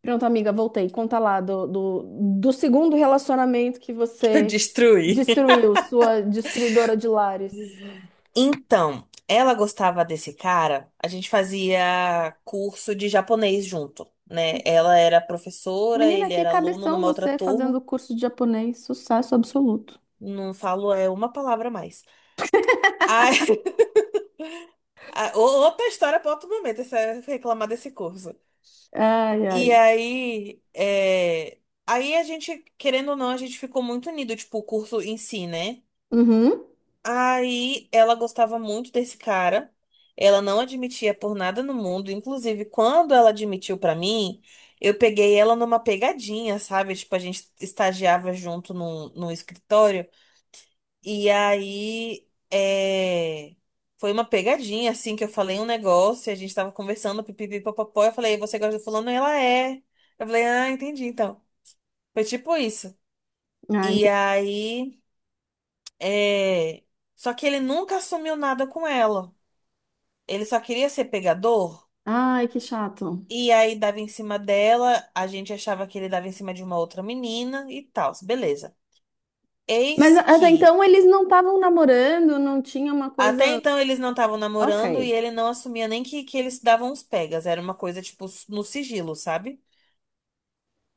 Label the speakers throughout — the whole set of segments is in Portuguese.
Speaker 1: Pronto, amiga, voltei. Conta lá do segundo relacionamento que você
Speaker 2: Destruir.
Speaker 1: destruiu, sua destruidora de lares.
Speaker 2: Então, ela gostava desse cara, a gente fazia curso de japonês junto, né? Ela era professora,
Speaker 1: Menina,
Speaker 2: ele
Speaker 1: que
Speaker 2: era aluno
Speaker 1: cabeção
Speaker 2: numa outra
Speaker 1: você fazendo
Speaker 2: turma.
Speaker 1: curso de japonês. Sucesso absoluto.
Speaker 2: Não falo é uma palavra a mais. Aí, outra história para outro momento, essa, reclamar desse curso.
Speaker 1: Ai,
Speaker 2: E
Speaker 1: ai.
Speaker 2: aí, aí a gente, querendo ou não, a gente ficou muito unido, tipo, o curso em si, né?
Speaker 1: Uhum.
Speaker 2: Aí ela gostava muito desse cara. Ela não admitia por nada no mundo. Inclusive, quando ela admitiu pra mim, eu peguei ela numa pegadinha, sabe? Tipo, a gente estagiava junto num escritório. E aí foi uma pegadinha, assim, que eu falei um negócio, a gente tava conversando, pipipi, papapó. Eu falei, você gosta do fulano? Ela é. Eu falei, ah, entendi, então. Foi tipo isso.
Speaker 1: Ah,
Speaker 2: E
Speaker 1: ente-
Speaker 2: aí. É... Só que ele nunca assumiu nada com ela. Ele só queria ser pegador.
Speaker 1: Ai, que chato.
Speaker 2: E aí dava em cima dela. A gente achava que ele dava em cima de uma outra menina e tal. Beleza.
Speaker 1: Mas
Speaker 2: Eis
Speaker 1: até
Speaker 2: que.
Speaker 1: então eles não estavam namorando, não tinha uma
Speaker 2: Até
Speaker 1: coisa.
Speaker 2: então eles não estavam namorando e
Speaker 1: Ok,
Speaker 2: ele não assumia nem que eles davam uns pegas. Era uma coisa, tipo, no sigilo, sabe?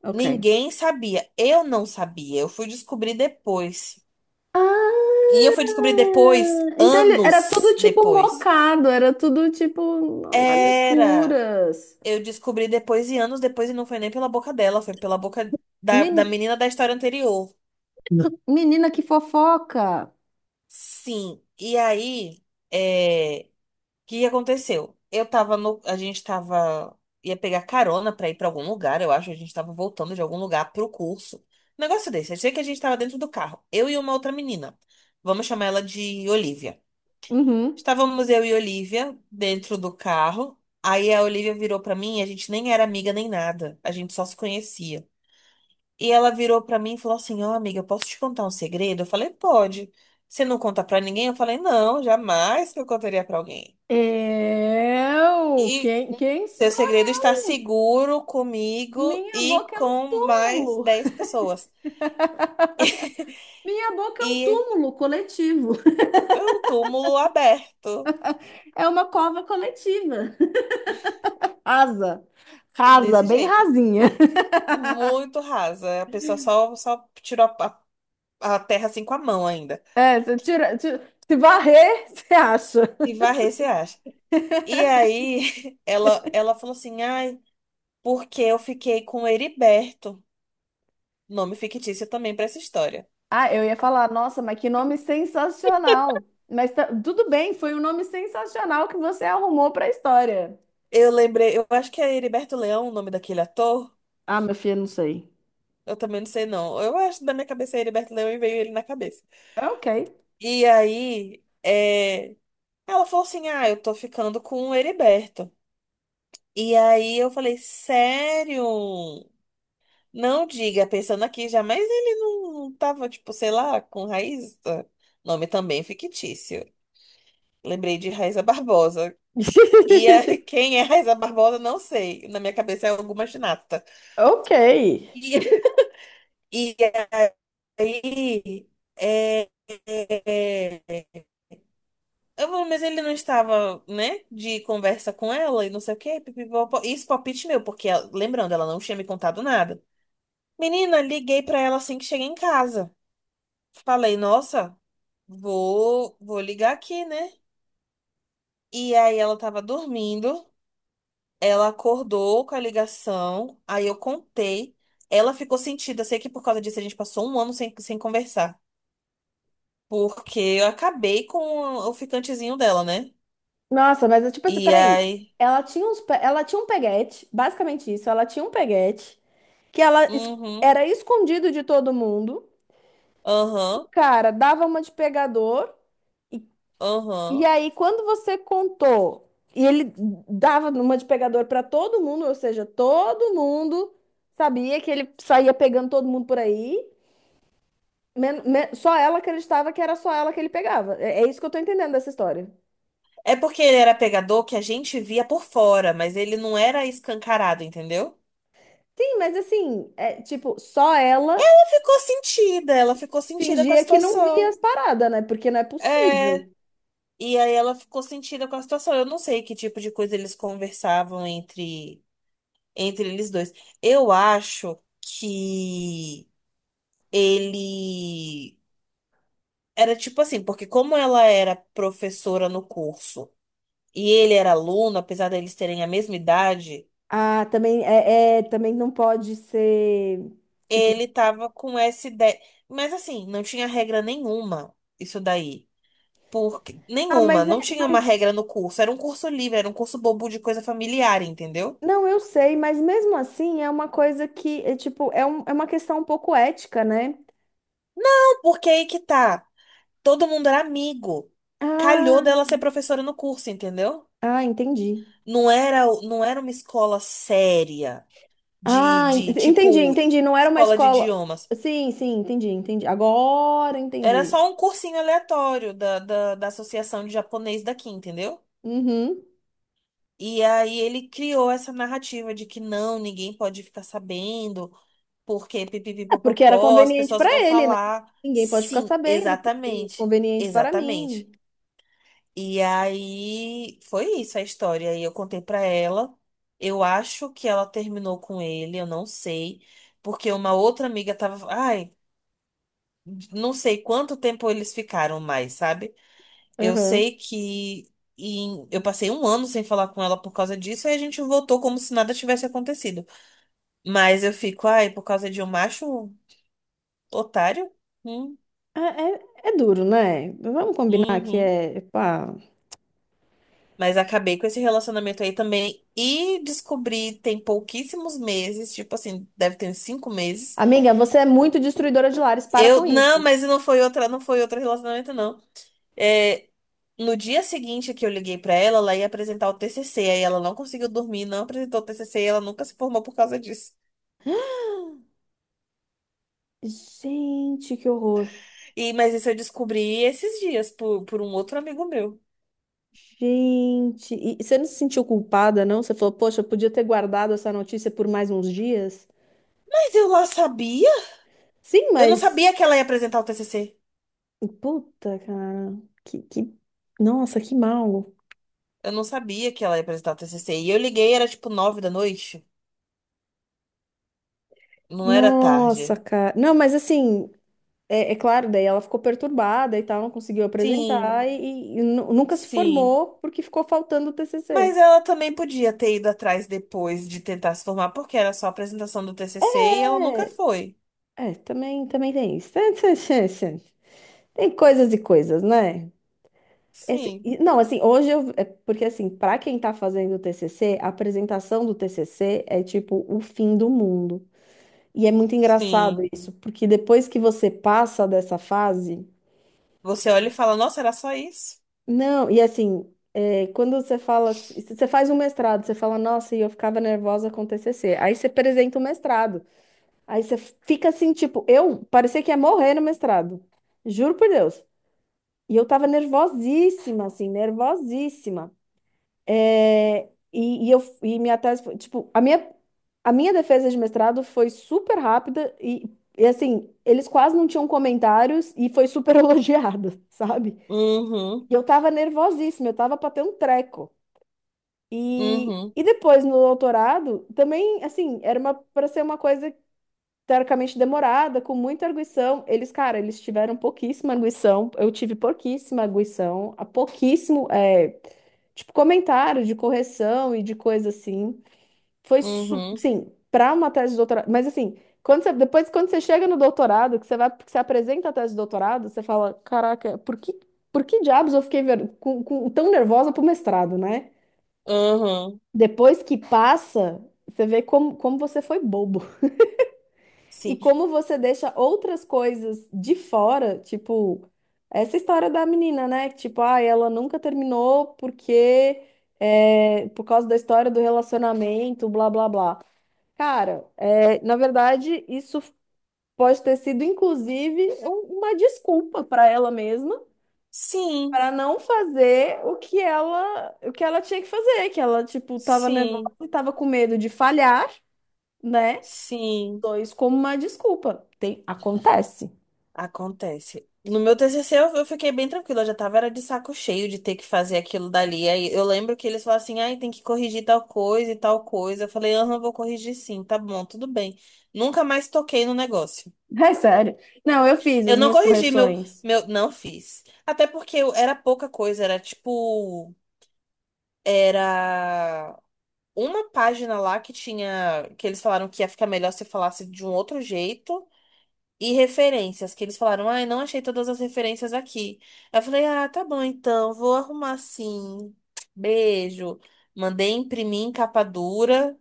Speaker 1: ok.
Speaker 2: Ninguém sabia. Eu não sabia. Eu fui descobrir depois. E eu
Speaker 1: Ah,
Speaker 2: fui descobrir depois,
Speaker 1: então ele era tudo
Speaker 2: anos
Speaker 1: tipo
Speaker 2: depois.
Speaker 1: mocado, era tudo tipo nas
Speaker 2: Era.
Speaker 1: escuras.
Speaker 2: Eu descobri depois e anos depois, e não foi nem pela boca dela, foi pela boca da menina da história anterior.
Speaker 1: Menina, que fofoca.
Speaker 2: Sim, e aí, é, o que aconteceu? Eu tava no, a gente tava, ia pegar carona pra ir pra algum lugar, eu acho, a gente tava voltando de algum lugar pro curso. Um negócio desse, eu sei que a gente tava dentro do carro, eu e uma outra menina, vamos chamar ela de Olivia.
Speaker 1: Uhum.
Speaker 2: Estávamos eu e Olivia dentro do carro, aí a Olivia virou pra mim, a gente nem era amiga nem nada, a gente só se conhecia. E ela virou pra mim e falou assim: Ó, amiga, eu posso te contar um segredo? Eu falei: Pode. Você não conta pra ninguém? Eu falei: Não, jamais que eu contaria pra alguém.
Speaker 1: Eu?
Speaker 2: E
Speaker 1: Quem
Speaker 2: seu
Speaker 1: sou
Speaker 2: segredo está
Speaker 1: eu?
Speaker 2: seguro comigo
Speaker 1: Minha
Speaker 2: e
Speaker 1: boca é um
Speaker 2: com mais
Speaker 1: túmulo.
Speaker 2: 10 pessoas.
Speaker 1: Minha boca é um
Speaker 2: E
Speaker 1: túmulo coletivo.
Speaker 2: é um túmulo aberto,
Speaker 1: É uma cova coletiva. Rasa. Rasa,
Speaker 2: desse
Speaker 1: bem
Speaker 2: jeito.
Speaker 1: rasinha.
Speaker 2: Muito rasa. A pessoa só tirou a terra assim com a mão ainda.
Speaker 1: É, você tira, se varrer, você acha.
Speaker 2: E varrer, se acha. E aí, ela falou assim: Ai, porque eu fiquei com o Heriberto. Nome fictício também pra essa história.
Speaker 1: Ah, eu ia falar, nossa, mas que nome sensacional. Mas tudo bem, foi um nome sensacional que você arrumou para a história.
Speaker 2: Eu lembrei, eu acho que é Heriberto Leão o nome daquele ator.
Speaker 1: Ah, meu filho, não sei.
Speaker 2: Eu também não sei, não. Eu acho que da minha cabeça é Heriberto Leão e veio ele na cabeça.
Speaker 1: É ok.
Speaker 2: E aí, ela falou assim: Ah, eu tô ficando com o Heriberto. E aí eu falei: Sério? Não diga, pensando aqui já, mas ele não tava, tipo, sei lá, com raiz. Tá? Nome também fictício. Lembrei de Raiza Barbosa. E quem é Raiza Barbosa, não sei. Na minha cabeça é alguma ginasta.
Speaker 1: Ok.
Speaker 2: E, e aí, é, é, é, é, eu vou, mas ele não estava, né, de conversa com ela e não sei o quê. Pipipopó. Isso, é palpite meu, porque, ela- lembrando, ela não tinha me contado nada. Menina, liguei pra ela assim que cheguei em casa. Falei, nossa, vou ligar aqui, né? E aí ela tava dormindo, ela acordou com a ligação, aí eu contei. Ela ficou sentida, sei que por causa disso a gente passou um ano sem conversar. Porque eu acabei com o ficantezinho dela, né?
Speaker 1: Nossa, mas é tipo assim,
Speaker 2: E
Speaker 1: peraí.
Speaker 2: aí.
Speaker 1: Ela tinha ela tinha um peguete, basicamente isso. Ela tinha um peguete que ela
Speaker 2: Uhum,
Speaker 1: era escondido de todo mundo. O
Speaker 2: aham,
Speaker 1: cara dava uma de pegador e
Speaker 2: aham.
Speaker 1: aí quando você contou e ele dava uma de pegador pra todo mundo, ou seja, todo mundo sabia que ele saía pegando todo mundo por aí. Só ela acreditava que era só ela que ele pegava. É, é isso que eu tô entendendo dessa história.
Speaker 2: É porque ele era pegador que a gente via por fora, mas ele não era escancarado, entendeu?
Speaker 1: Sim, mas assim, é tipo, só ela
Speaker 2: Ela ficou sentida com a
Speaker 1: fingia que não via
Speaker 2: situação.
Speaker 1: as paradas, né? Porque não é
Speaker 2: É.
Speaker 1: possível.
Speaker 2: E aí ela ficou sentida com a situação. Eu não sei que tipo de coisa eles conversavam entre eles dois. Eu acho que ele era tipo assim, porque como ela era professora no curso e ele era aluno, apesar deles terem a mesma idade,
Speaker 1: Ah, também é também não pode ser tipo,
Speaker 2: ele tava com essa ideia. Mas assim, não tinha regra nenhuma isso daí. Porque,
Speaker 1: ah,
Speaker 2: nenhuma,
Speaker 1: mas
Speaker 2: não
Speaker 1: é,
Speaker 2: tinha
Speaker 1: mas
Speaker 2: uma regra no curso. Era um curso livre, era um curso bobo de coisa familiar, entendeu?
Speaker 1: não, eu sei, mas mesmo assim é uma coisa que é tipo, é, um, é uma questão um pouco ética, né?
Speaker 2: Não, porque aí que tá. Todo mundo era amigo. Calhou
Speaker 1: Ah,
Speaker 2: dela ser professora no curso, entendeu?
Speaker 1: ah, entendi.
Speaker 2: Não era uma escola séria
Speaker 1: Ah,
Speaker 2: de
Speaker 1: entendi,
Speaker 2: tipo
Speaker 1: entendi. Não era uma
Speaker 2: escola de
Speaker 1: escola.
Speaker 2: idiomas.
Speaker 1: Sim, sim, entendi, entendi. Agora
Speaker 2: Era
Speaker 1: entendi.
Speaker 2: só um cursinho aleatório da Associação de Japonês daqui, entendeu?
Speaker 1: Uhum.
Speaker 2: E aí ele criou essa narrativa de que não, ninguém pode ficar sabendo, porque
Speaker 1: É porque era
Speaker 2: pipipipopopó, as
Speaker 1: conveniente
Speaker 2: pessoas
Speaker 1: para
Speaker 2: vão
Speaker 1: ele, né?
Speaker 2: falar.
Speaker 1: Ninguém pode ficar
Speaker 2: Sim,
Speaker 1: sabendo, porque é muito
Speaker 2: exatamente,
Speaker 1: conveniente para
Speaker 2: exatamente.
Speaker 1: mim.
Speaker 2: E aí foi isso a história. Aí eu contei pra ela. Eu acho que ela terminou com ele, eu não sei, porque uma outra amiga tava, ai, não sei quanto tempo eles ficaram mais, sabe? Eu
Speaker 1: Uhum.
Speaker 2: sei que eu passei um ano sem falar com ela por causa disso, e a gente voltou como se nada tivesse acontecido. Mas eu fico, ai, por causa de um macho otário? Hum,
Speaker 1: É duro, né? Vamos combinar que
Speaker 2: uhum.
Speaker 1: é, pá.
Speaker 2: Mas acabei com esse relacionamento aí também e descobri tem pouquíssimos meses, tipo assim, deve ter uns 5 meses.
Speaker 1: Amiga, você é muito destruidora de lares, para
Speaker 2: Eu,
Speaker 1: com
Speaker 2: não,
Speaker 1: isso.
Speaker 2: mas não foi outra, não foi outro relacionamento, não. É, no dia seguinte que eu liguei pra ela, ela ia apresentar o TCC, aí ela não conseguiu dormir, não apresentou o TCC, e ela nunca se formou por causa disso.
Speaker 1: Gente, que horror.
Speaker 2: E, mas isso eu descobri esses dias por um outro amigo meu.
Speaker 1: Gente. E você não se sentiu culpada, não? Você falou, poxa, eu podia ter guardado essa notícia por mais uns dias?
Speaker 2: Mas eu lá sabia?
Speaker 1: Sim,
Speaker 2: Eu não
Speaker 1: mas.
Speaker 2: sabia que ela ia apresentar o TCC.
Speaker 1: Puta, cara. Que... Nossa, que mal.
Speaker 2: Eu não sabia que ela ia apresentar o TCC. E eu liguei, era tipo 9 da noite. Não era
Speaker 1: Nossa,
Speaker 2: tarde.
Speaker 1: cara. Não, mas assim. É, é claro, daí ela ficou perturbada e tal, não conseguiu apresentar
Speaker 2: Sim,
Speaker 1: e nunca se
Speaker 2: sim.
Speaker 1: formou porque ficou faltando o TCC.
Speaker 2: Mas ela também podia ter ido atrás depois de tentar se formar, porque era só a apresentação do TCC e ela nunca
Speaker 1: É,
Speaker 2: foi.
Speaker 1: é, também, também tem isso. Tem coisas e coisas, né? Esse-
Speaker 2: Sim,
Speaker 1: e- não, assim, hoje eu é porque, assim, para quem tá fazendo o TCC, a apresentação do TCC é tipo o fim do mundo. E é muito engraçado
Speaker 2: sim.
Speaker 1: isso, porque depois que você passa dessa fase.
Speaker 2: Você olha e fala, nossa, era só isso?
Speaker 1: Não, e assim, é, quando você fala, se você faz um mestrado, você fala, nossa, e eu ficava nervosa com o TCC. Aí você apresenta o mestrado. Aí você fica assim, tipo, eu parecia que ia morrer no mestrado. Juro por Deus. E eu tava nervosíssima, assim, nervosíssima. É, e eu e minha tese foi, tipo, a minha defesa de mestrado foi super rápida e, assim, eles quase não tinham comentários e foi super elogiada, sabe?
Speaker 2: Uhum,
Speaker 1: E eu tava nervosíssima, eu tava pra ter um treco. E,
Speaker 2: uhum,
Speaker 1: e depois no doutorado, também, assim, era uma para ser uma coisa teoricamente demorada, com muita arguição. Eles, cara, eles tiveram pouquíssima arguição. Eu tive pouquíssima arguição, a pouquíssimo, é, tipo, comentário de correção e de coisa assim. Foi,
Speaker 2: uhum,
Speaker 1: sim, para uma tese de doutorado. Mas assim, quando depois, quando você chega no doutorado, que você vai, que você apresenta a tese de doutorado, você fala, caraca, por que diabos eu fiquei tão nervosa pro mestrado, né?
Speaker 2: uhum.
Speaker 1: Depois que passa, você vê como você foi bobo. E
Speaker 2: Sim.
Speaker 1: como você deixa outras coisas de fora, tipo, essa história da menina, né? Tipo, ah, ela nunca terminou porque é, por causa da história do relacionamento, blá blá blá. Cara, é, na verdade, isso pode ter sido, inclusive, uma desculpa para ela mesma
Speaker 2: Sim,
Speaker 1: para não fazer o que ela, tinha que fazer, que ela, tipo, tava nervosa
Speaker 2: sim,
Speaker 1: e tava com medo de falhar, né?
Speaker 2: sim,
Speaker 1: Dois como uma desculpa. Tem, acontece.
Speaker 2: acontece. No meu TCC eu fiquei bem tranquila, eu já tava era de saco cheio de ter que fazer aquilo dali. Aí eu lembro que eles falaram assim: "Ai, tem que corrigir tal coisa e tal coisa". Eu falei: "Aham, vou corrigir sim, tá bom, tudo bem". Nunca mais toquei no negócio.
Speaker 1: É sério. Não, eu fiz
Speaker 2: Eu
Speaker 1: as
Speaker 2: não
Speaker 1: minhas
Speaker 2: corrigi meu
Speaker 1: correções.
Speaker 2: meu não fiz. Até porque era pouca coisa, era tipo era uma página lá que tinha que eles falaram que ia ficar melhor se falasse de um outro jeito. E referências, que eles falaram, ai, não achei todas as referências aqui. Aí eu falei, ah, tá bom então, vou arrumar sim. Beijo. Mandei imprimir em capa dura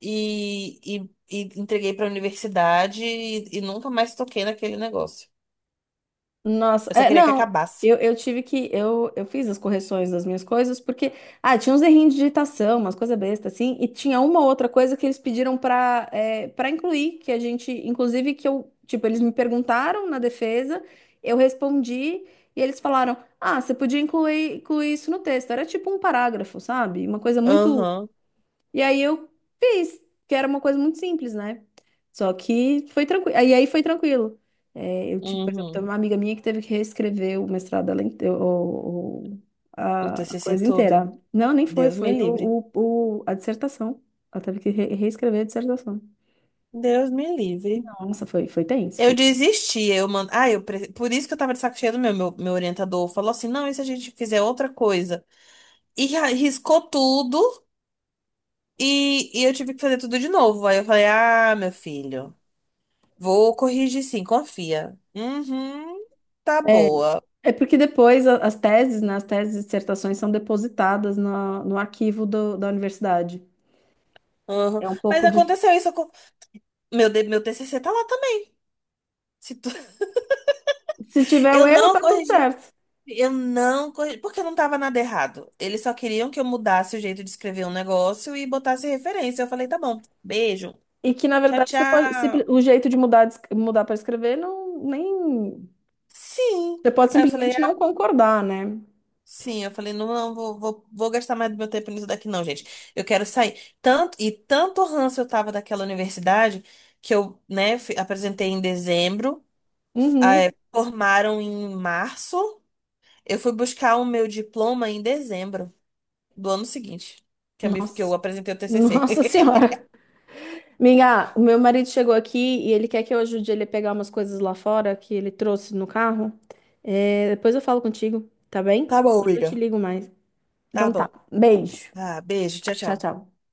Speaker 2: e, e entreguei pra universidade e nunca mais toquei naquele negócio.
Speaker 1: Nossa,
Speaker 2: Eu só
Speaker 1: é,
Speaker 2: queria que
Speaker 1: não,
Speaker 2: acabasse.
Speaker 1: eu tive que. Eu fiz as correções das minhas coisas, porque. Ah, tinha uns errinhos de digitação, umas coisas bestas, assim, e tinha uma outra coisa que eles pediram para incluir, que a gente. Inclusive, que eu. Tipo, eles me perguntaram na defesa, eu respondi, e eles falaram: Ah, você podia incluir, incluir isso no texto. Era tipo um parágrafo, sabe? Uma coisa muito
Speaker 2: Aham,
Speaker 1: E aí eu fiz, que era uma coisa muito simples, né? Só que foi tranquilo. E aí foi tranquilo. É, eu, tipo, por exemplo, teve
Speaker 2: uhum,
Speaker 1: uma amiga minha que teve que reescrever o mestrado, dela inte- o- o-
Speaker 2: o
Speaker 1: a a
Speaker 2: TCC
Speaker 1: coisa
Speaker 2: todo.
Speaker 1: inteira. Não, nem foi,
Speaker 2: Deus me
Speaker 1: foi
Speaker 2: livre.
Speaker 1: a dissertação. Ela teve que reescrever a dissertação.
Speaker 2: Deus me livre.
Speaker 1: Nossa, foi tenso.
Speaker 2: Eu
Speaker 1: Foi...
Speaker 2: desisti, eu mando. Ah, eu por isso que eu tava de saco cheio do meu orientador. Falou assim: não, e se a gente fizer outra coisa? E riscou tudo e eu tive que fazer tudo de novo. Aí eu falei, ah, meu filho, vou corrigir sim, confia. Uhum, tá boa.
Speaker 1: É porque depois as teses, né, as teses e dissertações são depositadas no arquivo da universidade.
Speaker 2: Uhum.
Speaker 1: É um
Speaker 2: Mas
Speaker 1: pouco de.
Speaker 2: aconteceu isso com... Meu, meu TCC tá lá também. Se tu-
Speaker 1: Se tiver o
Speaker 2: Eu
Speaker 1: erro,
Speaker 2: não
Speaker 1: tá tudo
Speaker 2: corrigi.
Speaker 1: certo.
Speaker 2: Eu não corrigi, porque não tava nada errado. Eles só queriam que eu mudasse o jeito de escrever um negócio e botasse referência. Eu falei, tá bom, beijo,
Speaker 1: E que, na
Speaker 2: tchau,
Speaker 1: verdade, você pode,
Speaker 2: tchau.
Speaker 1: o jeito de mudar, de mudar para escrever não nem.
Speaker 2: Sim.
Speaker 1: Você pode
Speaker 2: Aí eu falei,
Speaker 1: simplesmente não concordar, né?
Speaker 2: sim, eu falei, não, não, vou gastar mais do meu tempo nisso daqui, não, gente. Eu quero sair. Tanto, e tanto ranço eu tava daquela universidade que eu, né, apresentei em dezembro, ah,
Speaker 1: Uhum.
Speaker 2: formaram em março. Eu fui buscar o meu diploma em dezembro do ano seguinte, que eu, me, que eu
Speaker 1: Nossa.
Speaker 2: apresentei o TCC.
Speaker 1: Nossa Senhora. O meu marido chegou aqui e ele quer que eu ajude ele a pegar umas coisas lá fora que ele trouxe no carro. É, depois eu falo contigo, tá bem?
Speaker 2: Tá bom,
Speaker 1: Depois eu te
Speaker 2: amiga.
Speaker 1: ligo mais.
Speaker 2: Tá
Speaker 1: Então tá.
Speaker 2: bom.
Speaker 1: Beijo.
Speaker 2: Ah, beijo, tchau,
Speaker 1: Tchau,
Speaker 2: tchau.
Speaker 1: tchau.